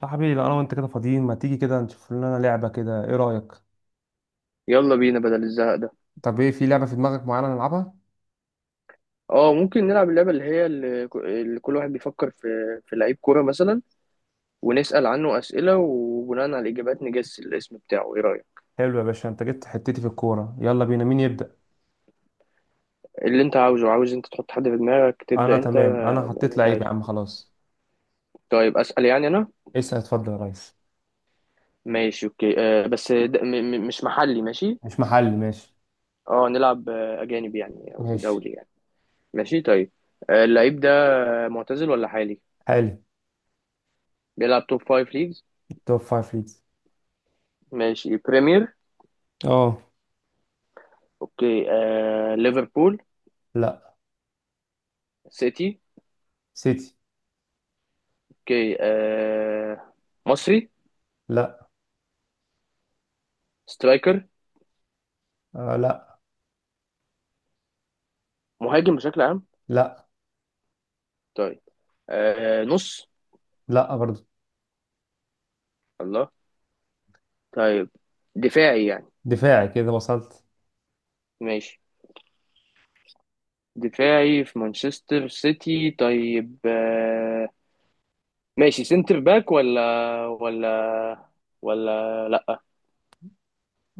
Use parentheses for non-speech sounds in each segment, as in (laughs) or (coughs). صاحبي، لو انا وانت كده فاضيين ما تيجي كده نشوف لنا لعبة كده، ايه رأيك؟ يلا بينا بدل الزهق ده. طب ايه في لعبة في دماغك معينة نلعبها؟ اه، ممكن نلعب اللعبة اللي هي اللي كل واحد بيفكر في لعيب كورة مثلا، ونسأل عنه أسئلة، وبناء على الإجابات نجس الاسم بتاعه. ايه رأيك؟ حلو يا باشا، انت جبت حتتي في الكورة. يلا بينا، مين يبدأ؟ اللي انت عاوزه، عاوز انت تحط حد في دماغك، انا تبدأ انت. تمام، انا حطيت اللي انت لعيب يا عايزه. عم خلاص. طيب، أسأل يعني انا. اسأل اتفضل يا ريس. ماشي، اوكي. بس ده م م مش محلي، ماشي. مش محلي ماشي. اه، نلعب. أجانب يعني أو ماشي. دولي يعني. ماشي، طيب. اللعيب ده معتزل ولا حالي؟ حالي. بيلعب توب فايف ليجز. توب فايف ليجز. ماشي، بريمير. اه. اوكي. ليفربول؟ لا. سيتي. سيتي. اوكي. مصري؟ لا. سترايكر؟ آه. لا. مهاجم بشكل عام؟ لا. طيب. نص؟ لا برضه. الله. طيب. دفاعي يعني. دفاعي كده وصلت. ماشي. دفاعي في مانشستر سيتي. طيب. ماشي. سنتر باك ولا ولا لا؟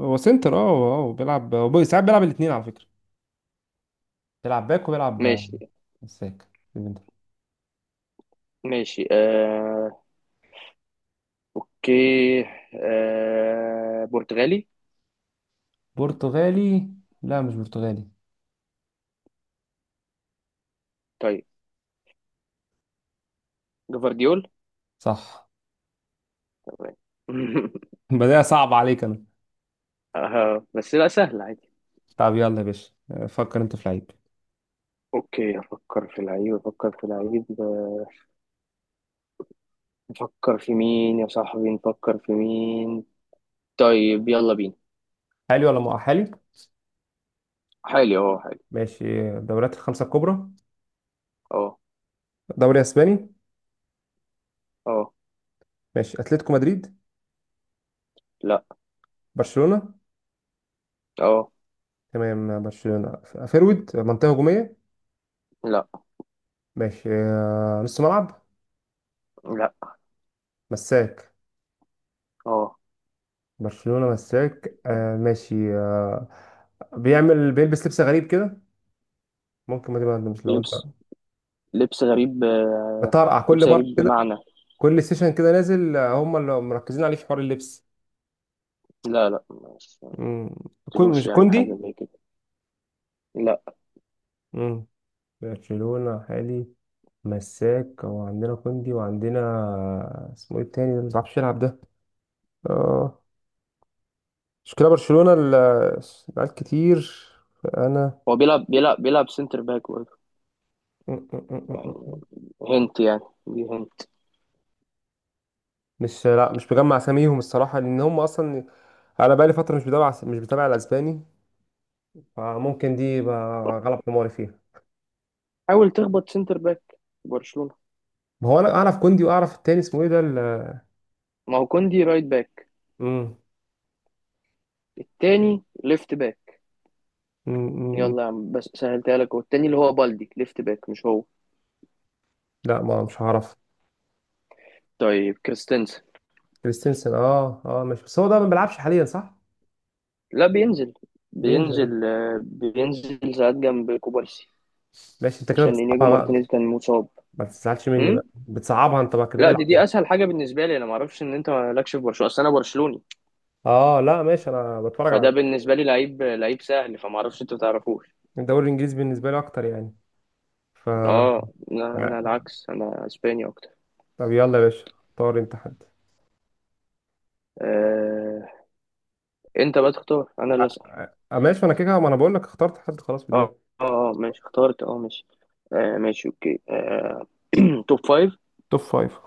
هو سنتر، اه اه، بيلعب هو ساعات بيلعب الاتنين على فكرة. بيلعب باك وبيلعب ماشي. مساك. ماشي. اوكي. برتغالي؟ برتغالي. لا مش برتغالي. طيب، جفارديول. صح. تمام. (laughs) (laughs) بداية صعب عليك انا. بس لا، سهل عادي. طب يلا يا باشا، فكر انت في لعيب. اوكي، افكر في لعيب، افكر في لعيب. نفكر في مين يا صاحبي، نفكر في مين؟ طيب، يلا بينا. حالي ولا مؤهلي؟ حالي؟ اه، حالي. ماشي. دوريات الخمسة الكبرى. اه. دوري اسباني. اه. ماشي. اتلتيكو مدريد. لا. برشلونة. اه. تمام برشلونة. فيرويد منطقة هجومية. لا. ماشي، نص ملعب. لا. مساك. اه، برشلونة مساك، آه، ماشي آه، بيعمل بيلبس لبس غريب كده. ممكن ما تبقى مش لو انت. لبس. لبس غريب. بتطرقع كل لبس مرة. غريب بمعنى؟ كل سيشن كده نازل، هم اللي مركزين عليه في حوار اللبس. لا، لا، مش مم. كون قلتلوش مش يعني حاجة كوندي. زي كده. لا. مم. برشلونة حالي، مساك، وعندنا كوندي وعندنا اسمه ايه التاني ده اللي مبيعرفش يلعب ده؟ اه. مشكلة برشلونة العيال كتير. فأنا. هو بيلعب سنتر باك برضه. مم. مم. يعني، مم. هنت يعني. دي هنت. مش، لا مش مجمع اساميهم الصراحة لأن هم أصلا. أنا بقالي فترة مش بتابع الأسباني. فممكن دي يبقى غلط حماري فيها. حاول تخبط سنتر باك برشلونة. ما هو أنا أعرف كوندي وأعرف التاني اسمه ايه ده ما هو كوندي رايت باك، مم. التاني ليفت باك. مم. مم. يلا يا عم، بس سهلتها لك، والتاني اللي هو بالدي ليفت باك، مش هو؟ لا ما مش هعرف. طيب، كريستنسن. كريستنسن، اه اه ماشي، بس هو ده ما بيلعبش حاليا صح؟ لا، بينزل. بينزل آه. بينزل ساعات جنب كوبارسي. ماشي انت كده عشان انياجو بتصعبها بقى. مارتينيز كان مصاب. ما تزعلش مني امم بقى، بتصعبها انت بقى كده لا، دي العب دي يعني. اسهل حاجه بالنسبه لي، انا ما اعرفش ان انت مالكش في برشلونه، اصل انا برشلوني، اه لا ماشي، انا بتفرج على فده بالنسبه لي لعيب، لعيب سهل، فما اعرفش انتوا تعرفوش. الدوري الانجليزي بالنسبه لي اكتر يعني، ف آه، اه، لا، انا العكس، انا اسباني اكتر. طب يلا يا باشا اختار انت حد. آه، انت بقى تختار، انا اللي اسال. آه ماشي، انا كده ما انا بقول لك اخترت حد خلاص في دماغي. اه. اه. ماشي، اخترت. اه. ماشي. ماشي، اوكي. (clears throat) توب فايف؟ توب فايف.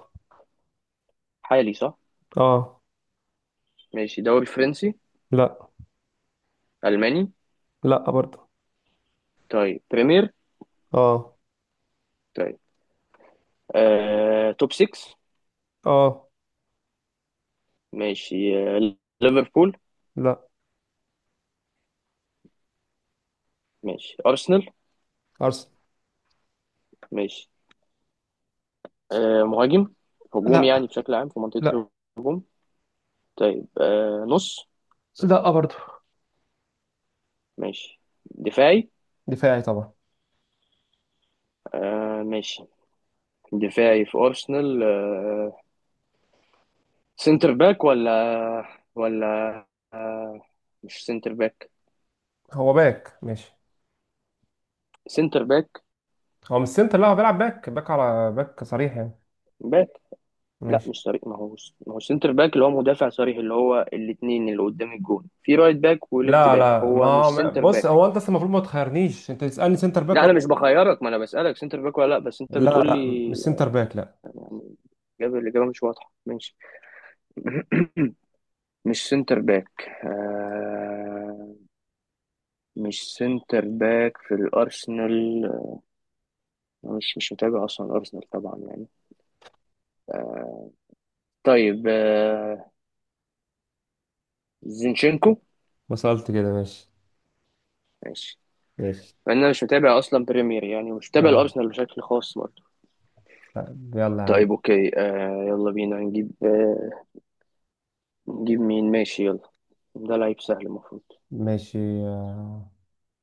حالي، صح؟ اه. ماشي. دوري فرنسي؟ لا. الماني؟ لا برضه. طيب، بريمير. اه. طيب. توب 6؟ اه. ماشي. آه، ليفربول؟ لا. ماشي، أرسنال. ارسنال. ماشي. مهاجم؟ هجوم يعني لا. بشكل عام في لا. منطقة الهجوم؟ طيب. نص؟ لا برضه. ماشي. دفاعي. دفاعي طبعا. ماشي. دفاعي في أرسنال. سنتر باك ولا؟ ولا؟ مش سنتر باك؟ هو باك ماشي. سنتر باك. هو مش سنتر، لا هو بيلعب باك، باك على باك صريح يعني. باك. لا، ماشي. مش صريح، ما هو سنتر باك اللي هو مدافع صريح، اللي هو الاتنين اللي قدام الجون، في رايت باك وليفت لا باك، لا هو مش سنتر بص، باك. هو انت أصلاً المفروض ما تخيرنيش، انت تسالني سنتر باك لا ولا. انا مش بخيرك، ما انا بسالك سنتر باك ولا لا، بس انت لا بتقول لا لي مش سنتر باك لا. يعني. الاجابه مش واضحه. ماشي. (coughs) (clears throat) مش سنتر باك. مش سنتر باك في الارسنال. مش متابع اصلا الارسنال طبعا يعني. طيب. زينشينكو. ما سالت كده ماشي. ماشي. ماشي. انا مش متابع اصلا بريمير يعني، مش متابع آه. الارسنال بشكل خاص برضه. طيب، يلا يا عم. طيب، اوكي. يلا بينا نجيب. نجيب مين؟ ماشي، يلا. ده لعيب سهل المفروض. ماشي. آه.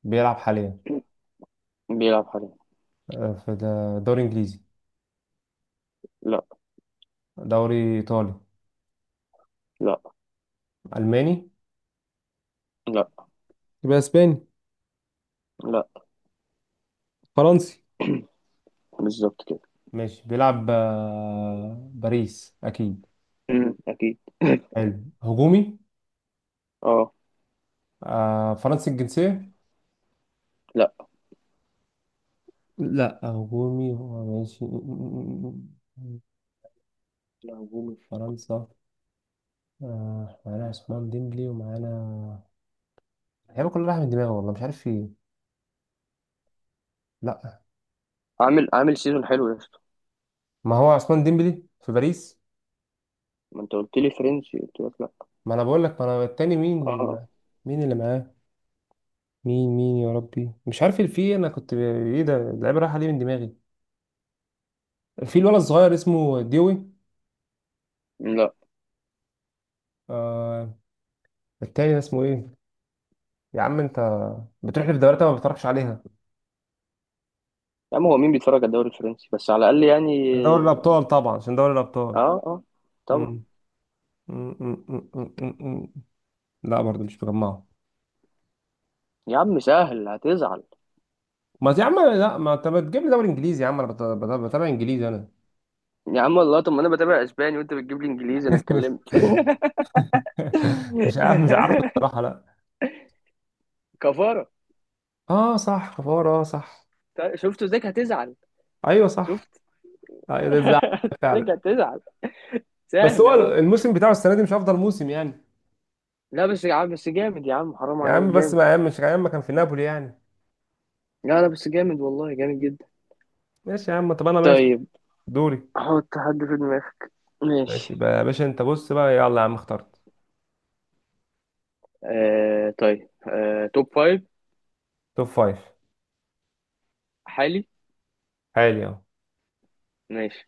بيلعب حاليا. (coughs) بيلعب حاليا. آه. في دوري انجليزي؟ لا. دوري ايطالي؟ لا. الماني؟ لا. يبقى اسباني؟ لا. فرنسي. بالظبط كده. ماشي بيلعب، آه، باريس اكيد. اكيد. (laughs) حلو. هجومي. اه، آه. فرنسي الجنسية. لا. لا هجومي هو ماشي. لا هجومي في فرنسا. آه معانا عثمان ديمبلي ومعانا. اللعيبه كلها رايحه من دماغي، والله مش عارف في إيه. لا. عامل سيزون حلو يا اسطى. ما هو عثمان ديمبلي في باريس. ما انت قلت لي فرنسي، قلت لك لا. ما انا بقول لك، ما انا التاني مين؟ اه، مين اللي معاه؟ مين مين يا ربي، مش عارف اللي فيه، انا كنت ايه ده اللعيبه رايحه ليه من دماغي. في الولد الصغير اسمه ديوي. لا. آه. التاني ده اسمه ايه؟ يا عم انت بتروح لي في دوريات أنا ما بتتفرجش عليها. يا عم، هو مين بيتفرج على الدوري الفرنسي بس على الاقل يعني؟ دوري الابطال طبعا عشان دوري الابطال. اه. اه. طبعا. م- م- م- م- م- م- م. لا برضه مش مجمعه. يا عم سهل، هتزعل. ما يا عم، لا ما انت بتجيب لي دوري انجليزي يا عم، انا بتابع انجليزي انا. يا عم والله، طب ما انا بتابع اسباني وانت بتجيب لي انجليزي، انا اتكلمت. (laughs) (laughs) مش عارف، مش عارف الصراحه، لا. كفاره. اه صح، كفار اه صح. طيب، شفت؟ ازيك هتزعل. ايوه صح. شفت. ايوه ده (laughs) الزعل. ازيك فعلا. هتزعل. بس سهل هو اهو. الموسم بتاعه السنه دي مش افضل موسم يعني. لا بس يا عم، بس جامد يا عم، حرام يا عليك، عم بس، جامد. ما يا عم، مش يا عم كان في نابولي يعني. لا، لا، بس جامد والله، جامد جدا. ماشي يا عم، طب انا ماشي. طيب. دوري. حط حد في دماغك. ماشي ماشي. بقى يا باشا، انت بص بقى، يلا يا عم اخترت. طيب. توب فايف؟ توب فايف. حالي. حالي اهو. ماشي.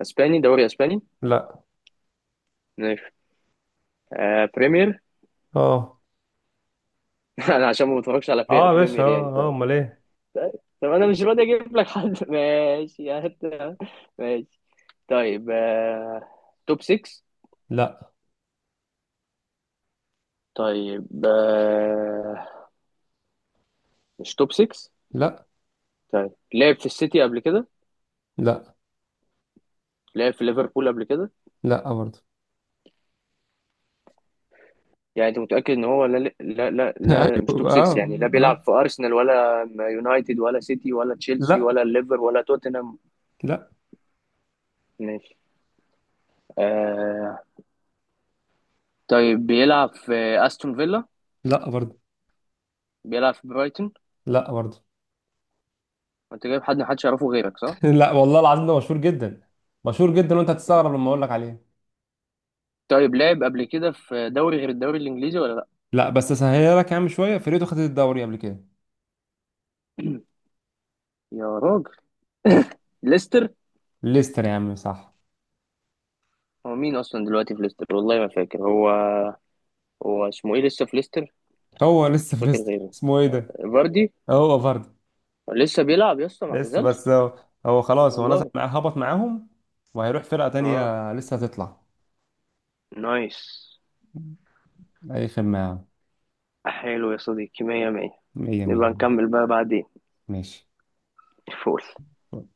اسباني؟ دوري اسباني؟ لا. ماشي. بريمير. اه. (laughs) انا عشان ما بتفرجش على اه يا باشا، بريمير يعني، اه اه طيب. امال ايه. طيب. طب انا مش راضي اجيب لك حد. (laughs) ماشي، هات. ماشي، طيب. توب 6؟ لا. طيب. مش توب 6. لا. طيب، لعب في السيتي قبل كده؟ لا. لعب في ليفربول قبل كده؟ لا برضه. يعني انت متأكد ان هو، لا، لا، لا، (laughs) لا، مش توب ايوه اه. 6 يعني، لا بيلعب اه. في ارسنال ولا يونايتد ولا سيتي ولا تشيلسي لا. ولا الليفر ولا توتنهام؟ لا. ماشي. آه طيب. بيلعب في استون فيلا؟ لا برضه. بيلعب في برايتون؟ لا برضه. انت جايب حد محدش يعرفه غيرك، صح؟ (laughs) لا والله العظيم، ده مشهور جدا. مشهور جدا وانت هتستغرب لما اقول لك عليه. طيب، لعب قبل كده في دوري غير الدوري الانجليزي ولا لا؟ لا بس اسهلها لك يا عم، شويه فرقته خدت الدوري قبل كده. (clears throat) يا راجل، آه. ليستر. ليستر يا عم صح. هو مين اصلا دلوقتي في ليستر، والله ما فاكر هو. هو اسمه ايه لسه في ليستر؟ هو لسه مش في فاكر ليستر غيره. اسمه ايه ده؟ فاردي. هو برضه لسه بيلعب يا اسطى؟ ما لسه اعتزلش؟ بس هو, هو خلاص هو نزل والله. مع، هبط معاهم وهيروح فرقه اه. تانية لسه هتطلع. نايس. اي خدمه يا عم. حلو يا صديقي، مية مية. مية مية. نبقى نكمل بقى بعدين. ماشي فول.